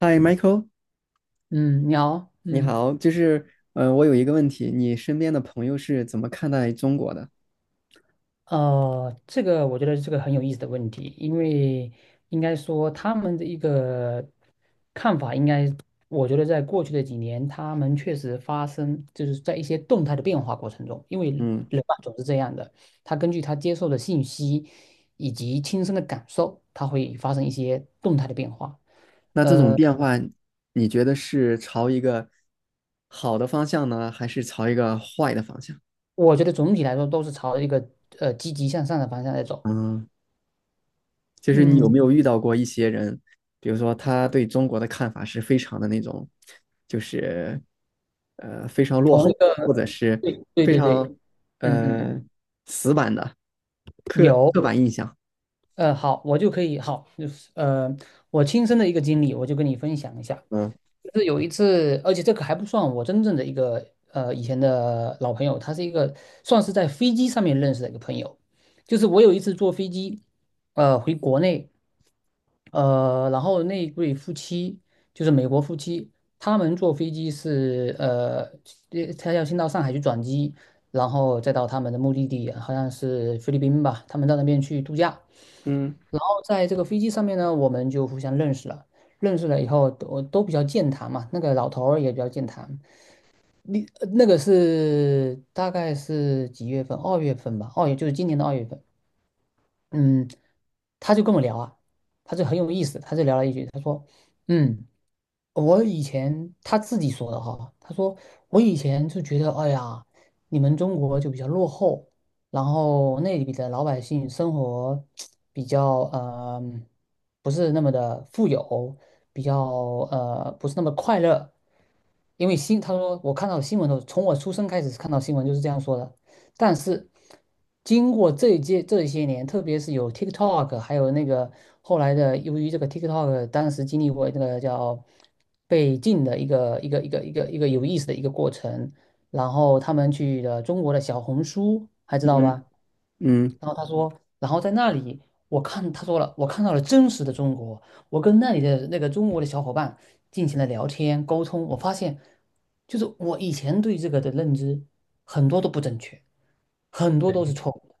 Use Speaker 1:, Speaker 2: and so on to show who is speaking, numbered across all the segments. Speaker 1: 嗨，Michael，
Speaker 2: 嗯，你好，
Speaker 1: 你
Speaker 2: 嗯。
Speaker 1: 好，就是，我有一个问题，你身边的朋友是怎么看待中国的？
Speaker 2: 这个我觉得是个很有意思的问题，因为应该说他们的一个看法，应该我觉得在过去的几年，他们确实发生就是在一些动态的变化过程中，因为
Speaker 1: 嗯，
Speaker 2: 人嘛总是这样的，他根据他接受的信息以及亲身的感受，他会发生一些动态的变化。
Speaker 1: 那这种
Speaker 2: 呃，
Speaker 1: 变化，你觉得是朝一个好的方向呢，还是朝一个坏的方向？
Speaker 2: 我觉得总体来说都是朝着一个积极向上的方向在走。
Speaker 1: 嗯，就是你有
Speaker 2: 嗯，
Speaker 1: 没有遇到过一些人，比如说他对中国的看法是非常的那种，就是非常落
Speaker 2: 从
Speaker 1: 后，
Speaker 2: 一个
Speaker 1: 或者是
Speaker 2: 对对
Speaker 1: 非
Speaker 2: 对对，
Speaker 1: 常
Speaker 2: 嗯嗯。
Speaker 1: 呃死板的刻
Speaker 2: 有，
Speaker 1: 刻板印象？
Speaker 2: 好，我就可以，好，就是我亲身的一个经历，我就跟你分享一下。
Speaker 1: 嗯
Speaker 2: 就是有一次，而且这个还不算我真正的一个以前的老朋友，他是一个算是在飞机上面认识的一个朋友。就是我有一次坐飞机，回国内，然后那一对夫妻就是美国夫妻，他们坐飞机是呃他要先到上海去转机，然后再到他们的目的地，好像是菲律宾吧，他们到那边去度假。
Speaker 1: 嗯
Speaker 2: 在这个飞机上面呢，我们就互相认识了。认识了以后，都比较健谈嘛。那个老头儿也比较健谈。你那个是大概是几月份？二月份吧，二月就是今年的二月份。嗯，他就跟我聊啊，他就很有意思，他就聊了一句，他说，嗯。我以前他自己说的哈，他说我以前就觉得，哎呀，你们中国就比较落后，然后那里的老百姓生活比较不是那么的富有，比较不是那么快乐，因为他说我看到新闻的时候，从我出生开始看到新闻就是这样说的，但是经过这一届这些年，特别是有 TikTok，还有那个后来的，由于这个 TikTok 当时经历过那个叫被禁的一个有意思的一个过程，然后他们去了中国的小红书，还知道
Speaker 1: 嗯。
Speaker 2: 吧？
Speaker 1: 嗯，
Speaker 2: 然后他说，然后在那里。我看他说了，我看到了真实的中国，我跟那里的那个中国的小伙伴进行了聊天沟通，我发现，就是我以前对这个的认知很多都不正确。很多都是错误的，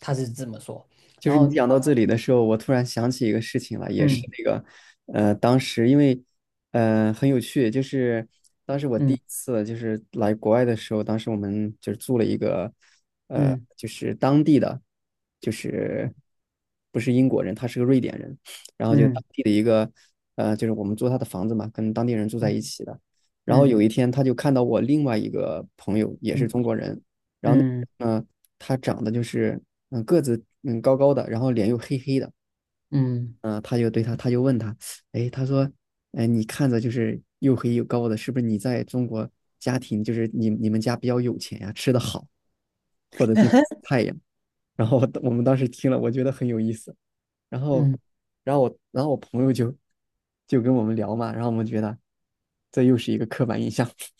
Speaker 2: 他是这么说。
Speaker 1: 就
Speaker 2: 然
Speaker 1: 是你
Speaker 2: 后，
Speaker 1: 讲到这里的时候，我突然想起一个事情了，也是
Speaker 2: 嗯
Speaker 1: 那个，当时因为，很有趣，就是当时我第
Speaker 2: 嗯
Speaker 1: 一次就是来国外的时候，当时我们就是住了一个，
Speaker 2: 嗯
Speaker 1: 就是当地的，就是不是英国人，他是个瑞典人，然后就当
Speaker 2: 嗯
Speaker 1: 地的一个，就是我们租他的房子嘛，跟当地人住在一起的，然后
Speaker 2: 嗯
Speaker 1: 有一天他就看到我另外一个朋友也是
Speaker 2: 嗯
Speaker 1: 中国人，
Speaker 2: 嗯嗯
Speaker 1: 嗯、他长得就是个子嗯高高的，然后脸又黑黑的，
Speaker 2: 嗯
Speaker 1: 嗯、他就问他，哎，他说，哎，你看着就是又黑又高的，是不是你在中国家庭就是你们家比较有钱呀、吃的好，或者经太阳？然后我们当时听了，我觉得很有意思。然后，
Speaker 2: 嗯，
Speaker 1: 然后我朋友就就跟我们聊嘛，然后我们觉得这又是一个刻板印象。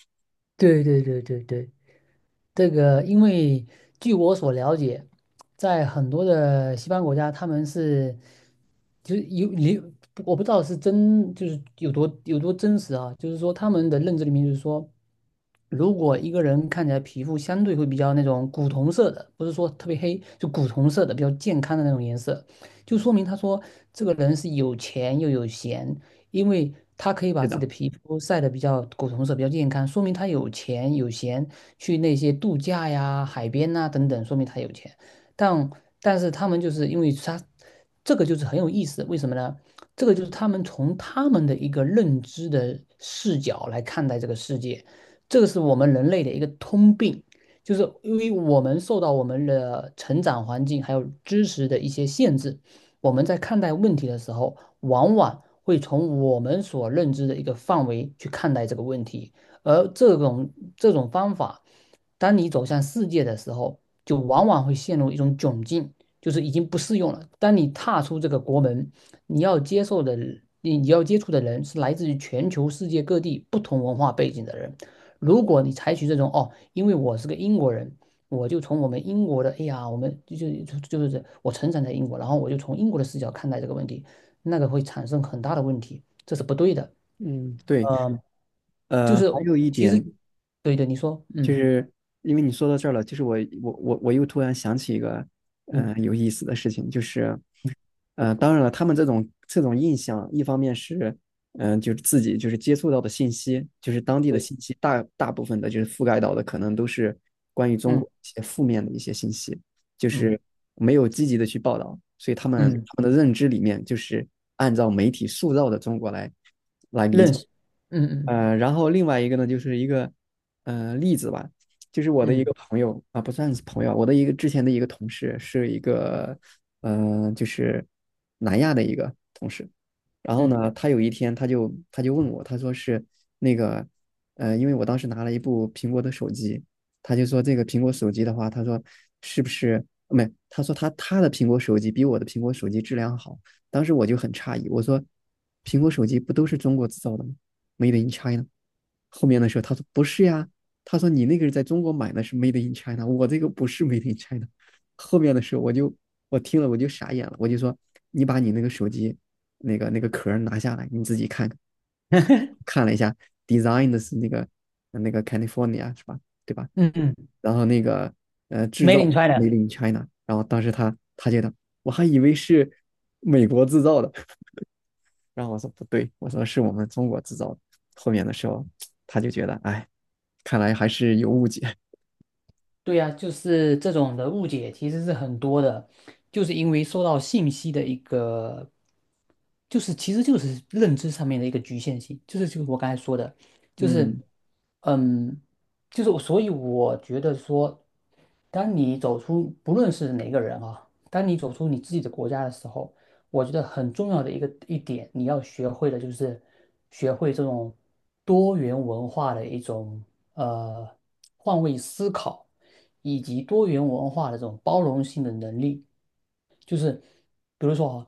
Speaker 2: 对对对对对，这个因为据我所了解，在很多的西方国家，他们是就是有你，我不知道是真就是有多真实啊，就是说他们的认知里面就是说。如果一个人看起来皮肤相对会比较那种古铜色的，不是说特别黑，就古铜色的比较健康的那种颜色，就说明他说这个人是有钱又有闲，因为他可以把
Speaker 1: 是
Speaker 2: 自己
Speaker 1: 的，
Speaker 2: 的皮肤晒得比较古铜色，比较健康，说明他有钱有闲去那些度假呀、海边呐、等等，说明他有钱。但但是他们就是因为他这个就是很有意思，为什么呢？这个就是他们从他们的一个认知的视角来看待这个世界。这个是我们人类的一个通病，就是因为我们受到我们的成长环境还有知识的一些限制，我们在看待问题的时候，往往会从我们所认知的一个范围去看待这个问题，而这种方法，当你走向世界的时候，就往往会陷入一种窘境，就是已经不适用了。当你踏出这个国门，你要接受的。你要接触的人是来自于全球世界各地不同文化背景的人，如果你采取这种哦，因为我是个英国人，我就从我们英国的，哎呀，我们就是我成长在英国，然后我就从英国的视角看待这个问题，那个会产生很大的问题，这是不对的。
Speaker 1: 嗯，对，
Speaker 2: 嗯、就
Speaker 1: 呃，还
Speaker 2: 是我
Speaker 1: 有一
Speaker 2: 其实
Speaker 1: 点。
Speaker 2: 对对，你说，
Speaker 1: 就
Speaker 2: 嗯
Speaker 1: 是因为你说到这儿了，就是我又突然想起一个
Speaker 2: 嗯
Speaker 1: 有意思的事情，就是
Speaker 2: 嗯，
Speaker 1: 当然了，他们这种这种印象，一方面是就是自己就是接触到的信息，就是当地的
Speaker 2: 对，
Speaker 1: 信息大部分的就是覆盖到的可能都是关于中
Speaker 2: 嗯
Speaker 1: 国一些负面的一
Speaker 2: 嗯
Speaker 1: 些信息，就
Speaker 2: 嗯
Speaker 1: 是没有积极的去报道，所以他们
Speaker 2: 嗯，
Speaker 1: 他们的认知里面就是按照媒体塑造的中国来。
Speaker 2: 认识，嗯嗯
Speaker 1: 然后另外一个呢，就是一个例子吧，就是我的一
Speaker 2: 嗯
Speaker 1: 个朋友啊，不算是朋友，我的一个之前的一个同事，是一个就是南亚的一个同事。然后
Speaker 2: 嗯
Speaker 1: 呢，他有一天他就问我，他说是那个因为我当时拿了一部苹果的手机，他就说这个苹果手机的话，他说是不是没？他说他的苹果手机比我的苹果手机质量好。当时我就很诧异，我说：“苹果手机不都是中国制造的吗？Made in China。” 后面的时候他说：“不是呀。”他说：“你那个是在中国买的，是 Made in China，我这个不是 Made in China。” 后面的时候我听了我就傻眼了，我就说：“你把你那个手机那个壳拿下来，你自己看看。”看了一下，design 的是那个 California 是吧？对吧？
Speaker 2: 嗯嗯
Speaker 1: 然后那个制造
Speaker 2: ，Made in
Speaker 1: Made
Speaker 2: China。
Speaker 1: in China，然后当时他觉得。我还以为是美国制造的。然后我说不对，我说是我们中国制造的。后面的时候他就觉得，哎，看来还是有误解。
Speaker 2: 对呀，就是这种的误解其实是很多的，就是因为受到信息的一个，就是其实就是认知上面的一个局限性，就是我刚才说的，就是
Speaker 1: 嗯，
Speaker 2: 嗯，就是所以我觉得说，当你走出不论是哪个人啊，当你走出你自己的国家的时候。我觉得很重要的一个一点，你要学会的就是学会这种多元文化的一种呃换位思考，以及多元文化的这种包容性的能力。就是比如说哈，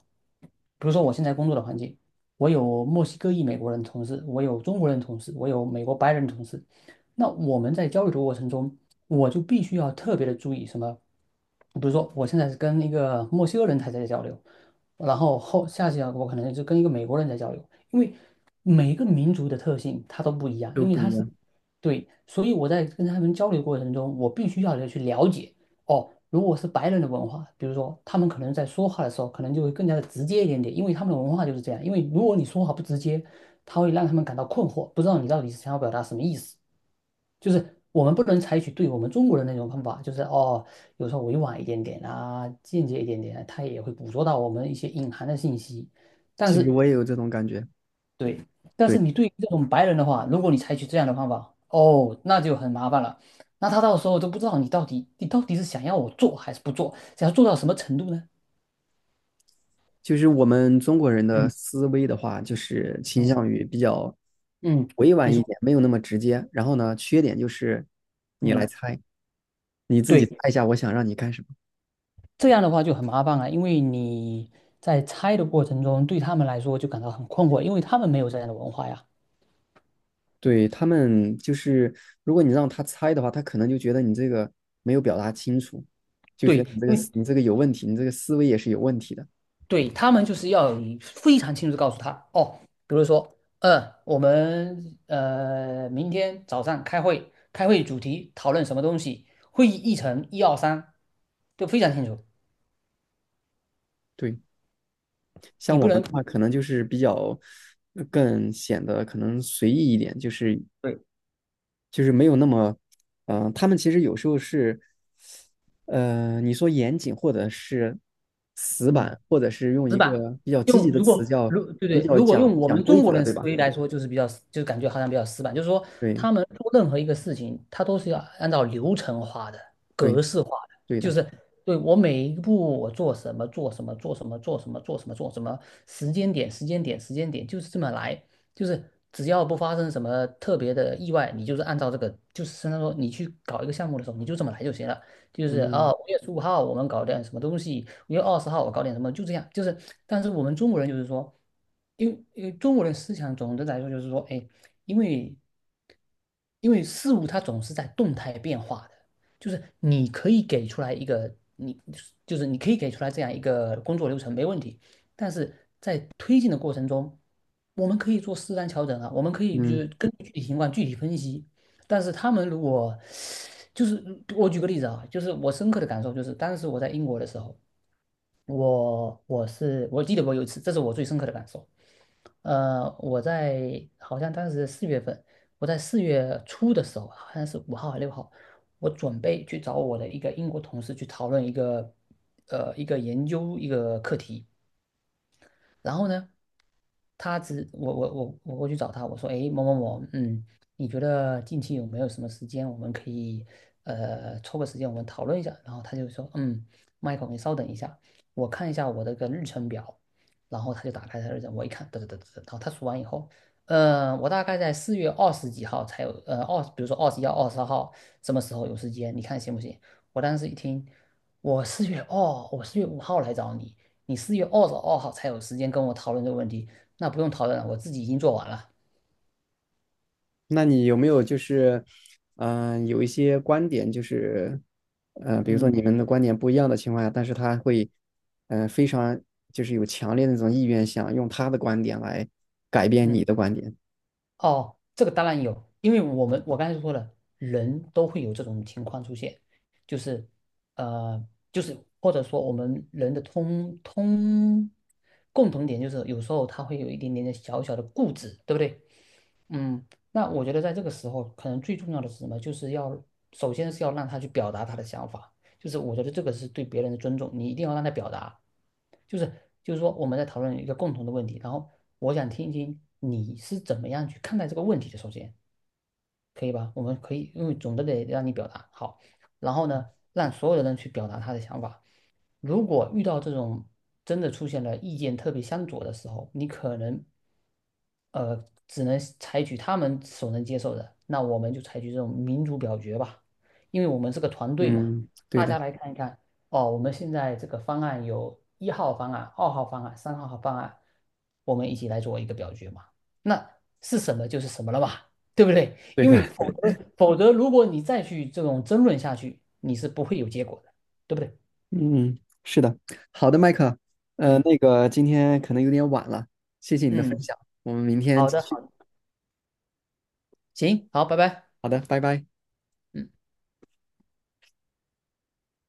Speaker 2: 比如说我现在工作的环境，我有墨西哥裔美国人同事，我有中国人同事，我有美国白人同事。那我们在交流的过程中，我就必须要特别的注意什么？比如说，我现在是跟一个墨西哥人才在交流，然后下次啊，我可能就跟一个美国人在交流，因为每一个民族的特性它都不一样，
Speaker 1: 都
Speaker 2: 因为
Speaker 1: 不
Speaker 2: 它
Speaker 1: 一
Speaker 2: 是，
Speaker 1: 样。
Speaker 2: 对，所以我在跟他们交流过程中，我必须要去了解哦。如果是白人的文化，比如说他们可能在说话的时候，可能就会更加的直接一点点，因为他们的文化就是这样。因为如果你说话不直接，他会让他们感到困惑，不知道你到底是想要表达什么意思。就是我们不能采取对我们中国人那种方法，就是哦，有时候委婉一点点啊，间接一点点啊他也会捕捉到我们一些隐含的信息。但
Speaker 1: 其实
Speaker 2: 是，
Speaker 1: 我也有这种感觉，
Speaker 2: 对，但是
Speaker 1: 对，
Speaker 2: 你对于这种白人的话，如果你采取这样的方法，哦，那就很麻烦了。那他到时候都不知道你到底是想要我做还是不做，想要做到什么程度呢？
Speaker 1: 就是我们中国人的
Speaker 2: 嗯
Speaker 1: 思维的话，就是倾
Speaker 2: 嗯
Speaker 1: 向于比较
Speaker 2: 嗯，
Speaker 1: 委
Speaker 2: 你
Speaker 1: 婉一
Speaker 2: 说，
Speaker 1: 点，没有那么直接。然后呢，缺点就是你来
Speaker 2: 嗯，
Speaker 1: 猜，你自己
Speaker 2: 对，
Speaker 1: 猜一下，我想让你干什么。
Speaker 2: 这样的话就很麻烦了，因为你在猜的过程中，对他们来说就感到很困惑，因为他们没有这样的文化呀。
Speaker 1: 对，他们就是，如果你让他猜的话，他可能就觉得你这个没有表达清楚，就
Speaker 2: 对，
Speaker 1: 觉得你这个
Speaker 2: 因为
Speaker 1: 思你这个有问题，你这个思维也是有问题的。
Speaker 2: 对他们就是要有非常清楚地告诉他哦，比如说，我们明天早上开会，开会主题讨论什么东西，会议议程一二三，都非常清楚，
Speaker 1: 对，
Speaker 2: 你
Speaker 1: 像我
Speaker 2: 不
Speaker 1: 们
Speaker 2: 能，
Speaker 1: 的话，可能就是比较更显得可能随意一点，就是
Speaker 2: 对，
Speaker 1: 就是没有那么，嗯、他们其实有时候是，你说严谨或者是死
Speaker 2: 嗯。
Speaker 1: 板，或者是用
Speaker 2: 死
Speaker 1: 一
Speaker 2: 板。
Speaker 1: 个比较积
Speaker 2: 用
Speaker 1: 极的
Speaker 2: 如果
Speaker 1: 词叫
Speaker 2: 如对
Speaker 1: 比
Speaker 2: 对，
Speaker 1: 较
Speaker 2: 如果用
Speaker 1: 讲
Speaker 2: 我
Speaker 1: 讲
Speaker 2: 们
Speaker 1: 规
Speaker 2: 中国
Speaker 1: 则，
Speaker 2: 人
Speaker 1: 对
Speaker 2: 思
Speaker 1: 吧？
Speaker 2: 维来说，就是比较就是感觉好像比较死板，就是说
Speaker 1: 对
Speaker 2: 他们做任何一个事情，他都是要按照流程化的、
Speaker 1: 对
Speaker 2: 格式化的，
Speaker 1: 对
Speaker 2: 就
Speaker 1: 的，
Speaker 2: 是对我每一步我做什么做什么做什么做什么做什么做什么时间点时间点时间点就是这么来，就是只要不发生什么特别的意外，你就是按照这个就是相当于说你去搞一个项目的时候，你就这么来就行了。就是啊，
Speaker 1: 嗯。
Speaker 2: 5月15号我们搞点什么东西，5月20号我搞点什么，就这样。就是，但是我们中国人就是说，因为中国人思想总的来说就是说，哎，因为事物它总是在动态变化的，就是你可以给出来一个你就是你可以给出来这样一个工作流程没问题，但是在推进的过程中，我们可以做适当调整啊，我们可以就是
Speaker 1: 嗯，
Speaker 2: 根据具体情况具体分析。但是他们如果就是我举个例子啊，就是我深刻的感受就是，当时我在英国的时候，我记得我有一次，这是我最深刻的感受。我在好像当时4月份，我在4月初的时候，好像是五号还是6号，我准备去找我的一个英国同事去讨论一个一个研究一个课题。然后呢，我过去找他，我说，哎某某某，嗯，你觉得近期有没有什么时间，我们可以抽个时间我们讨论一下？然后他就说，嗯，Michael，你稍等一下，我看一下我的个日程表。然后他就打开他的日程，我一看，得得得得得，然后他数完以后，我大概在四月二十几号才有，比如说21号、二十二号什么时候有时间，你看行不行？我当时一听，我4月5号来找你，你4月22号才有时间跟我讨论这个问题，那不用讨论了，我自己已经做完了。
Speaker 1: 那你有没有就是，嗯、有一些观点就是，比如说
Speaker 2: 嗯
Speaker 1: 你们的观点不一样的情况下，但是他会，嗯、非常就是有强烈的那种意愿，想用他的观点来改变
Speaker 2: 嗯，
Speaker 1: 你的观点。
Speaker 2: 哦，这个当然有，因为我刚才说了，人都会有这种情况出现，就是呃，就是或者说我们人的共同点就是有时候他会有一点点的小小的固执，对不对？嗯，那我觉得在这个时候，可能最重要的是什么？就是要首先是要让他去表达他的想法，就是我觉得这个是对别人的尊重，你一定要让他表达。就是就是说，我们在讨论一个共同的问题，然后我想听一听你是怎么样去看待这个问题的。首先，可以吧？我们可以，因为总的得让你表达好，然后呢，让所有的人去表达他的想法。如果遇到这种真的出现了意见特别相左的时候，你可能只能采取他们所能接受的，那我们就采取这种民主表决吧，因为我们是个团队嘛，
Speaker 1: 嗯，对
Speaker 2: 大
Speaker 1: 的，
Speaker 2: 家来看一看。哦，我们现在这个方案有一号方案、二号方案、三号方案，我们一起来做一个表决嘛。那是什么就是什么了嘛，对不对？
Speaker 1: 对
Speaker 2: 因为
Speaker 1: 的，
Speaker 2: 否则，如果你再去这种争论下去，你是不会有结果的，对不对？
Speaker 1: 嗯，是的，好的，麦克，
Speaker 2: 嗯
Speaker 1: 那个今天可能有点晚了，谢谢你的分
Speaker 2: 嗯，
Speaker 1: 享，我们明天
Speaker 2: 好
Speaker 1: 继
Speaker 2: 的，
Speaker 1: 续。
Speaker 2: 好，行，好，拜拜。
Speaker 1: 好的，拜拜。
Speaker 2: 嗯。